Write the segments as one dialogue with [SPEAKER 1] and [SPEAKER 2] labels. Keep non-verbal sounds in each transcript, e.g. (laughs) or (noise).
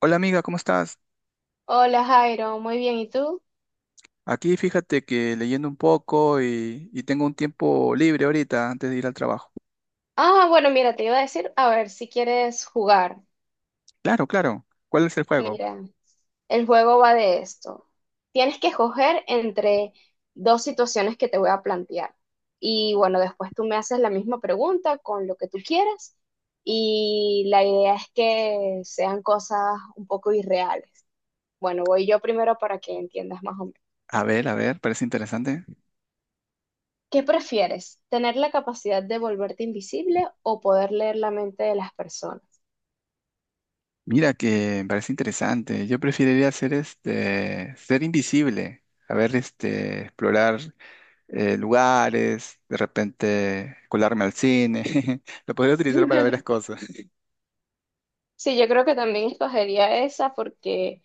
[SPEAKER 1] Hola amiga, ¿cómo estás?
[SPEAKER 2] Hola Jairo, muy bien, ¿y tú?
[SPEAKER 1] Aquí fíjate que leyendo un poco y tengo un tiempo libre ahorita antes de ir al trabajo.
[SPEAKER 2] Ah, bueno, mira, te iba a decir, a ver si quieres jugar.
[SPEAKER 1] Claro, claro. ¿Cuál es el juego?
[SPEAKER 2] Mira, el juego va de esto. Tienes que escoger entre dos situaciones que te voy a plantear. Y bueno, después tú me haces la misma pregunta con lo que tú quieras. Y la idea es que sean cosas un poco irreales. Bueno, voy yo primero para que entiendas más o menos.
[SPEAKER 1] A ver, parece interesante.
[SPEAKER 2] ¿Qué prefieres? ¿Tener la capacidad de volverte invisible o poder leer la mente de las personas?
[SPEAKER 1] Mira que me parece interesante. Yo preferiría ser ser invisible. A ver, explorar lugares, de repente colarme al cine. (laughs) Lo podría utilizar para ver las
[SPEAKER 2] (laughs)
[SPEAKER 1] cosas.
[SPEAKER 2] Sí, yo creo que también escogería esa porque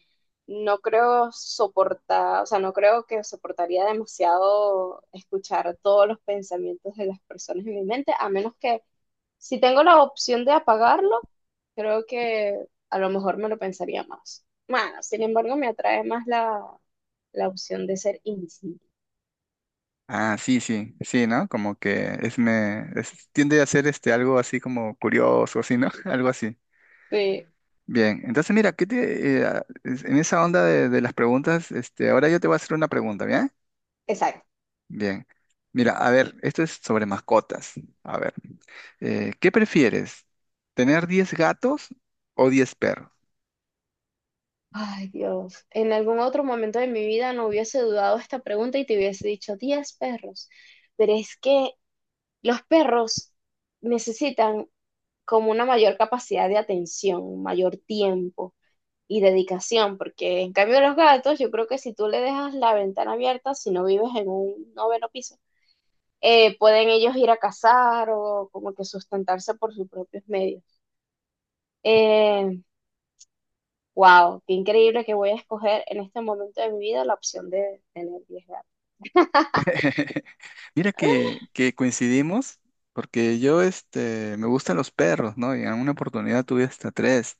[SPEAKER 2] no creo soportar, o sea, no creo que soportaría demasiado escuchar todos los pensamientos de las personas en mi mente, a menos que si tengo la opción de apagarlo, creo que a lo mejor me lo pensaría más. Bueno, sin embargo, me atrae más la opción de ser invisible.
[SPEAKER 1] Ah, sí, sí, sí, ¿no? Como que tiende a ser algo así como curioso, así, ¿no? (laughs) Algo así.
[SPEAKER 2] Sí,
[SPEAKER 1] Bien, entonces mira, ¿qué te, a- es- en esa onda de las preguntas, ahora yo te voy a hacer una pregunta, ¿bien?
[SPEAKER 2] exacto.
[SPEAKER 1] Bien. Mira, a ver, esto es sobre mascotas. A ver, ¿qué prefieres? ¿Tener 10 gatos o 10 perros?
[SPEAKER 2] Ay, Dios, en algún otro momento de mi vida no hubiese dudado esta pregunta y te hubiese dicho 10 perros, pero es que los perros necesitan como una mayor capacidad de atención, mayor tiempo y dedicación, porque en cambio los gatos, yo creo que si tú le dejas la ventana abierta, si no vives en un noveno piso, pueden ellos ir a cazar o como que sustentarse por sus propios medios. Eh, Wow, qué increíble que voy a escoger en este momento de mi vida la opción de tener 10 gatos.
[SPEAKER 1] (laughs) Mira que coincidimos, porque yo me gustan los perros, ¿no? Y en alguna oportunidad tuve hasta tres,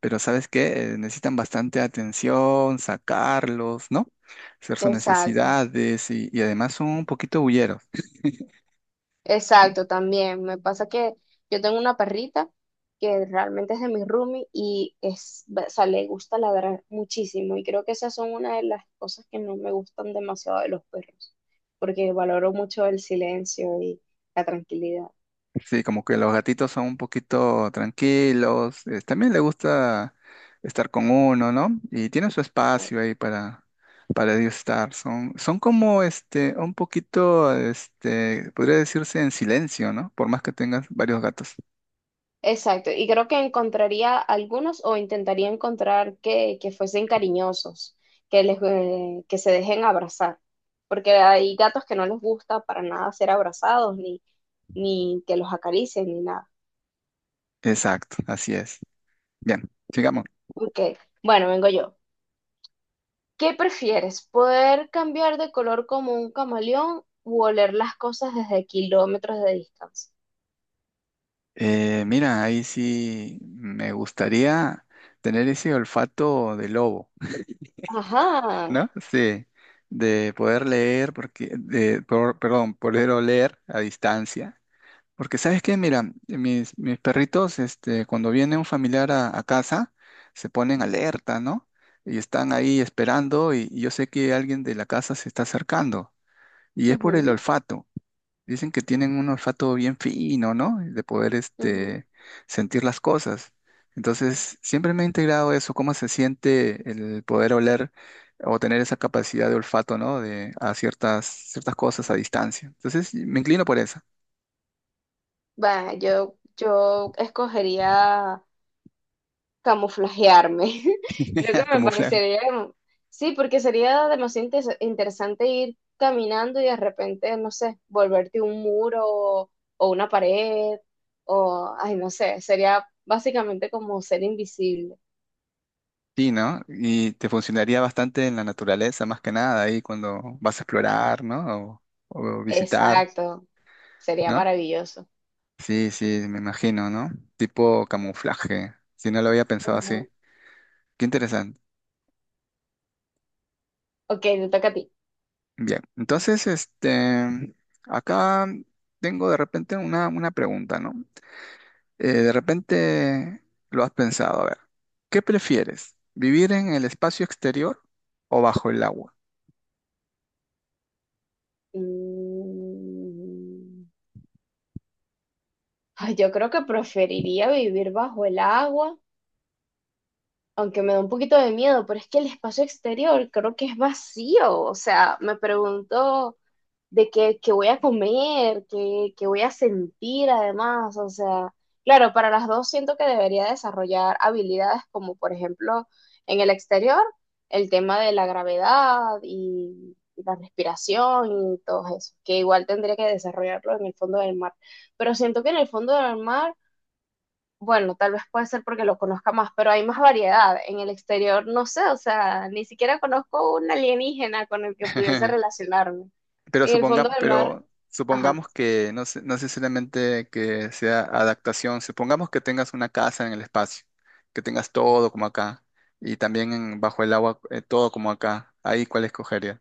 [SPEAKER 1] pero ¿sabes qué? Necesitan bastante atención, sacarlos, ¿no? Hacer sus
[SPEAKER 2] Exacto,
[SPEAKER 1] necesidades y además son un poquito bulleros.
[SPEAKER 2] exacto, también. Me pasa que yo tengo una perrita que realmente es de mi roomie y es, o sea, le gusta ladrar muchísimo y creo que esas son una de las cosas que no me gustan demasiado de los perros, porque valoro mucho el silencio y la tranquilidad.
[SPEAKER 1] Sí, como que los gatitos son un poquito tranquilos, también le gusta estar con uno, ¿no? Y tienen su espacio ahí para ellos estar. Son como un poquito, podría decirse en silencio, ¿no? Por más que tengas varios gatos.
[SPEAKER 2] Exacto, y creo que encontraría algunos o intentaría encontrar que fuesen cariñosos, que se dejen abrazar, porque hay gatos que no les gusta para nada ser abrazados, ni, ni que los acaricien, ni nada.
[SPEAKER 1] Exacto, así es. Bien, sigamos.
[SPEAKER 2] Ok, bueno, vengo yo. ¿Qué prefieres? ¿Poder cambiar de color como un camaleón u oler las cosas desde kilómetros de distancia?
[SPEAKER 1] Mira, ahí sí me gustaría tener ese olfato de lobo.
[SPEAKER 2] Ajá.
[SPEAKER 1] ¿No? Sí, de poder leer, porque, de, por- perdón, poder oler a distancia. Porque, ¿sabes qué? Mira, mis perritos, cuando viene un familiar a casa, se ponen alerta, ¿no? Y están ahí esperando y yo sé que alguien de la casa se está acercando. Y es por el
[SPEAKER 2] Ujú,
[SPEAKER 1] olfato. Dicen que tienen un olfato bien fino, ¿no? De poder,
[SPEAKER 2] ujú.
[SPEAKER 1] sentir las cosas. Entonces, siempre me ha integrado eso, cómo se siente el poder oler o tener esa capacidad de olfato, ¿no? De a ciertas cosas a distancia. Entonces, me inclino por esa,
[SPEAKER 2] Va, yo escogería camuflajearme. (laughs) Creo que
[SPEAKER 1] (laughs)
[SPEAKER 2] me
[SPEAKER 1] camuflar.
[SPEAKER 2] parecería, sí, porque sería demasiado interesante ir caminando y de repente, no sé, volverte un muro o, una pared o, ay, no sé, sería básicamente como ser invisible.
[SPEAKER 1] Sí, ¿no? Y te funcionaría bastante en la naturaleza, más que nada, ahí cuando vas a explorar, ¿no? O visitar,
[SPEAKER 2] Exacto, sería
[SPEAKER 1] ¿no?
[SPEAKER 2] maravilloso.
[SPEAKER 1] Sí, sí, me imagino, ¿no? Tipo camuflaje. Si no lo había pensado así.
[SPEAKER 2] Ujú.
[SPEAKER 1] Qué interesante.
[SPEAKER 2] Ok, te toca a ti.
[SPEAKER 1] Bien, entonces, acá tengo de repente una pregunta, ¿no? De repente lo has pensado, a ver, ¿qué prefieres? ¿Vivir en el espacio exterior o bajo el agua?
[SPEAKER 2] Mm, Ay, yo creo que preferiría vivir bajo el agua aunque me da un poquito de miedo, pero es que el espacio exterior creo que es vacío. O sea, me pregunto de qué voy a comer, qué voy a sentir además. O sea, claro, para las dos siento que debería desarrollar habilidades como, por ejemplo, en el exterior, el tema de la gravedad y la respiración y todo eso, que igual tendría que desarrollarlo en el fondo del mar. Pero siento que en el fondo del mar bueno, tal vez puede ser porque lo conozca más, pero hay más variedad. En el exterior, no sé, o sea, ni siquiera conozco un alienígena con el que pudiese
[SPEAKER 1] (laughs)
[SPEAKER 2] relacionarme. En el fondo del mar,
[SPEAKER 1] Pero
[SPEAKER 2] ajá.
[SPEAKER 1] supongamos que no necesariamente que sea adaptación, supongamos que tengas una casa en el espacio, que tengas todo como acá, y también bajo el agua, todo como acá, ahí cuál escogerías.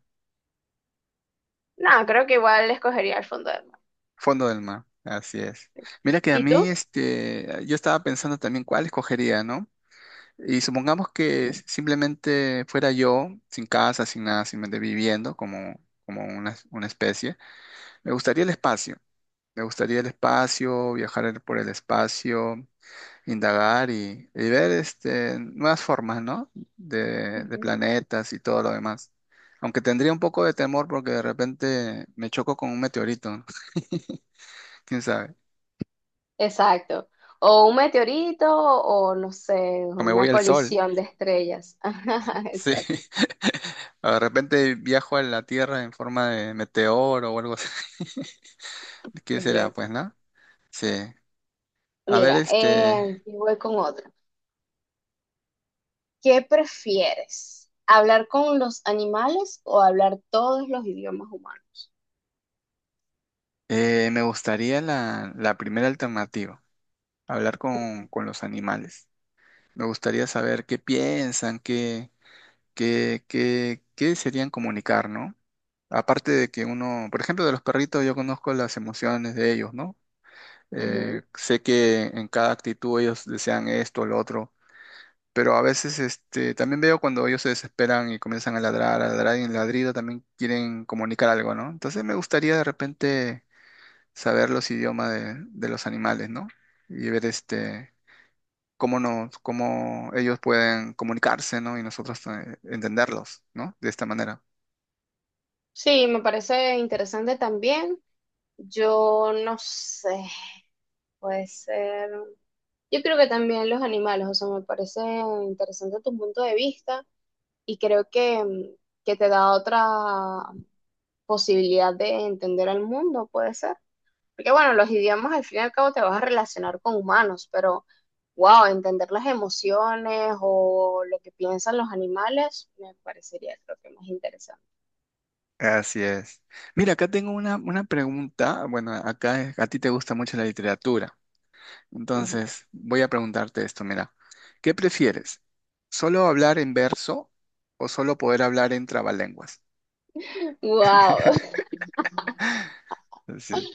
[SPEAKER 2] No, creo que igual escogería el fondo del mar.
[SPEAKER 1] Fondo del mar, así es. Mira que a
[SPEAKER 2] ¿Y
[SPEAKER 1] mí,
[SPEAKER 2] tú?
[SPEAKER 1] yo estaba pensando también cuál escogería, ¿no? Y supongamos que simplemente fuera yo, sin casa, sin nada, simplemente viviendo como, como una especie, me gustaría el espacio. Me gustaría el espacio, viajar por el espacio, indagar y ver nuevas formas, ¿no? De
[SPEAKER 2] Ujú.
[SPEAKER 1] planetas y todo lo demás. Aunque tendría un poco de temor porque de repente me choco con un meteorito, (laughs) quién sabe,
[SPEAKER 2] Exacto. O un meteorito o no sé,
[SPEAKER 1] o me voy
[SPEAKER 2] una
[SPEAKER 1] al sol.
[SPEAKER 2] colisión de estrellas. (laughs) Ajá,
[SPEAKER 1] Sí.
[SPEAKER 2] exacto.
[SPEAKER 1] (laughs) O de repente viajo a la Tierra en forma de meteoro o algo así. (laughs)
[SPEAKER 2] Qué
[SPEAKER 1] ¿Qué será, pues,
[SPEAKER 2] loco.
[SPEAKER 1] no? Sí. A ver,
[SPEAKER 2] Mira, y voy con otra. ¿Qué prefieres? ¿Hablar con los animales o hablar todos los idiomas humanos?
[SPEAKER 1] me gustaría la primera alternativa, hablar con los animales. Me gustaría saber qué piensan, qué serían comunicar, ¿no? Aparte de que uno, por ejemplo, de los perritos yo conozco las emociones de ellos, ¿no?
[SPEAKER 2] Ujú.
[SPEAKER 1] Sé que en cada actitud ellos desean esto o lo otro. Pero a veces también veo cuando ellos se desesperan y comienzan a ladrar y en ladrido también quieren comunicar algo, ¿no? Entonces me gustaría de repente saber los idiomas de los animales, ¿no? Y ver cómo ellos pueden comunicarse, ¿no? Y nosotros entenderlos, ¿no? De esta manera.
[SPEAKER 2] Sí, me parece interesante también. Yo no sé, puede ser. Yo creo que también los animales, o sea, me parece interesante tu punto de vista y creo que, que te da otra posibilidad de entender al mundo, puede ser. Porque bueno, los idiomas al fin y al cabo te vas a relacionar con humanos, pero wow, entender las emociones o lo que piensan los animales me parecería creo que más interesante.
[SPEAKER 1] Así es. Mira, acá tengo una pregunta. Bueno, acá a ti te gusta mucho la literatura.
[SPEAKER 2] Ujú.
[SPEAKER 1] Entonces, voy a preguntarte esto, mira, ¿qué prefieres? ¿Solo hablar en verso o solo poder hablar en trabalenguas?
[SPEAKER 2] Wow. (laughs)
[SPEAKER 1] Sí.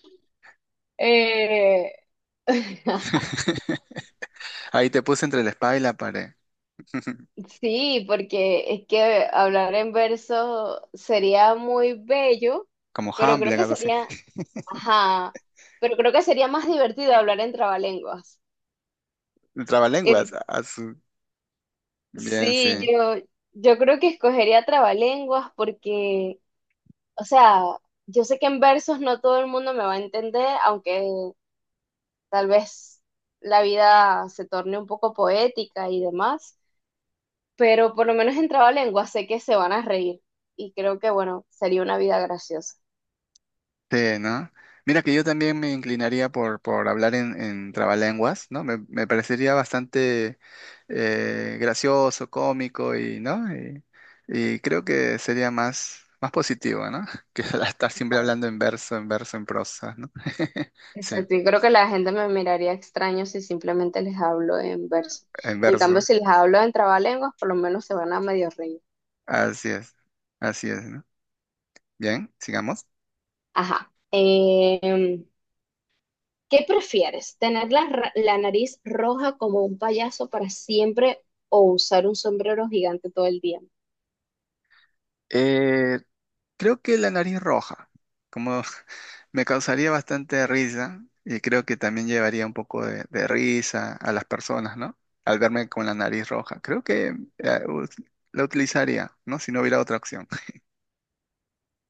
[SPEAKER 2] Eh, (laughs)
[SPEAKER 1] (laughs) Ahí te puse entre la espada y la pared, (laughs)
[SPEAKER 2] sí, porque es que hablar en verso sería muy bello,
[SPEAKER 1] como
[SPEAKER 2] pero creo
[SPEAKER 1] Hamlet,
[SPEAKER 2] que
[SPEAKER 1] algo así.
[SPEAKER 2] sería, ajá, pero creo que sería más divertido hablar en trabalenguas.
[SPEAKER 1] Trabalenguas, bien, sí.
[SPEAKER 2] Sí, yo creo que escogería trabalenguas porque, o sea, yo sé que en versos no todo el mundo me va a entender, aunque tal vez la vida se torne un poco poética y demás, pero por lo menos en trabalenguas sé que se van a reír y creo que, bueno, sería una vida graciosa.
[SPEAKER 1] Sí, ¿no? Mira que yo también me inclinaría por hablar en trabalenguas, ¿no? Me parecería bastante gracioso, cómico y, ¿no? Y creo que sería más positivo, ¿no? (laughs) Que estar siempre hablando en verso, en verso, en prosa, ¿no? (laughs) Sí,
[SPEAKER 2] Exacto, y creo que la gente me miraría extraño si simplemente les hablo en verso.
[SPEAKER 1] en
[SPEAKER 2] En cambio,
[SPEAKER 1] verso.
[SPEAKER 2] si les hablo en trabalenguas, por lo menos se van a medio reír.
[SPEAKER 1] Así es, así es, ¿no? Bien, sigamos.
[SPEAKER 2] Ajá. ¿Qué prefieres? ¿Tener la nariz roja como un payaso para siempre o usar un sombrero gigante todo el día?
[SPEAKER 1] Eh, Creo que la nariz roja, como (laughs) me causaría bastante risa y creo que también llevaría un poco de risa a las personas, ¿no? Al verme con la nariz roja. Creo que la utilizaría, ¿no? Si no hubiera otra opción.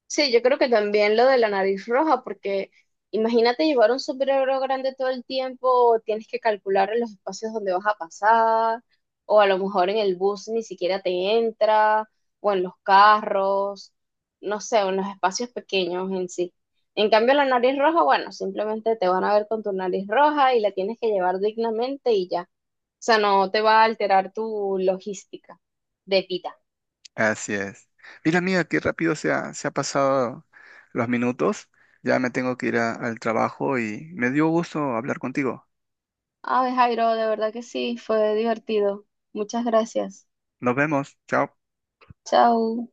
[SPEAKER 2] Sí, yo creo que también lo de la nariz roja, porque imagínate llevar un sombrero grande todo el tiempo, tienes que calcular los espacios donde vas a pasar, o a lo mejor en el bus ni siquiera te entra, o en los carros, no sé, o en los espacios pequeños en sí. En cambio, la nariz roja, bueno, simplemente te van a ver con tu nariz roja y la tienes que llevar dignamente y ya. O sea, no te va a alterar tu logística de vida.
[SPEAKER 1] (laughs) Así es. Mira, amiga, qué rápido se ha pasado los minutos. Ya me tengo que ir al trabajo y me dio gusto hablar contigo.
[SPEAKER 2] Ay, Jairo, de verdad que sí, fue divertido. Muchas gracias.
[SPEAKER 1] Nos vemos. Chao.
[SPEAKER 2] Chao.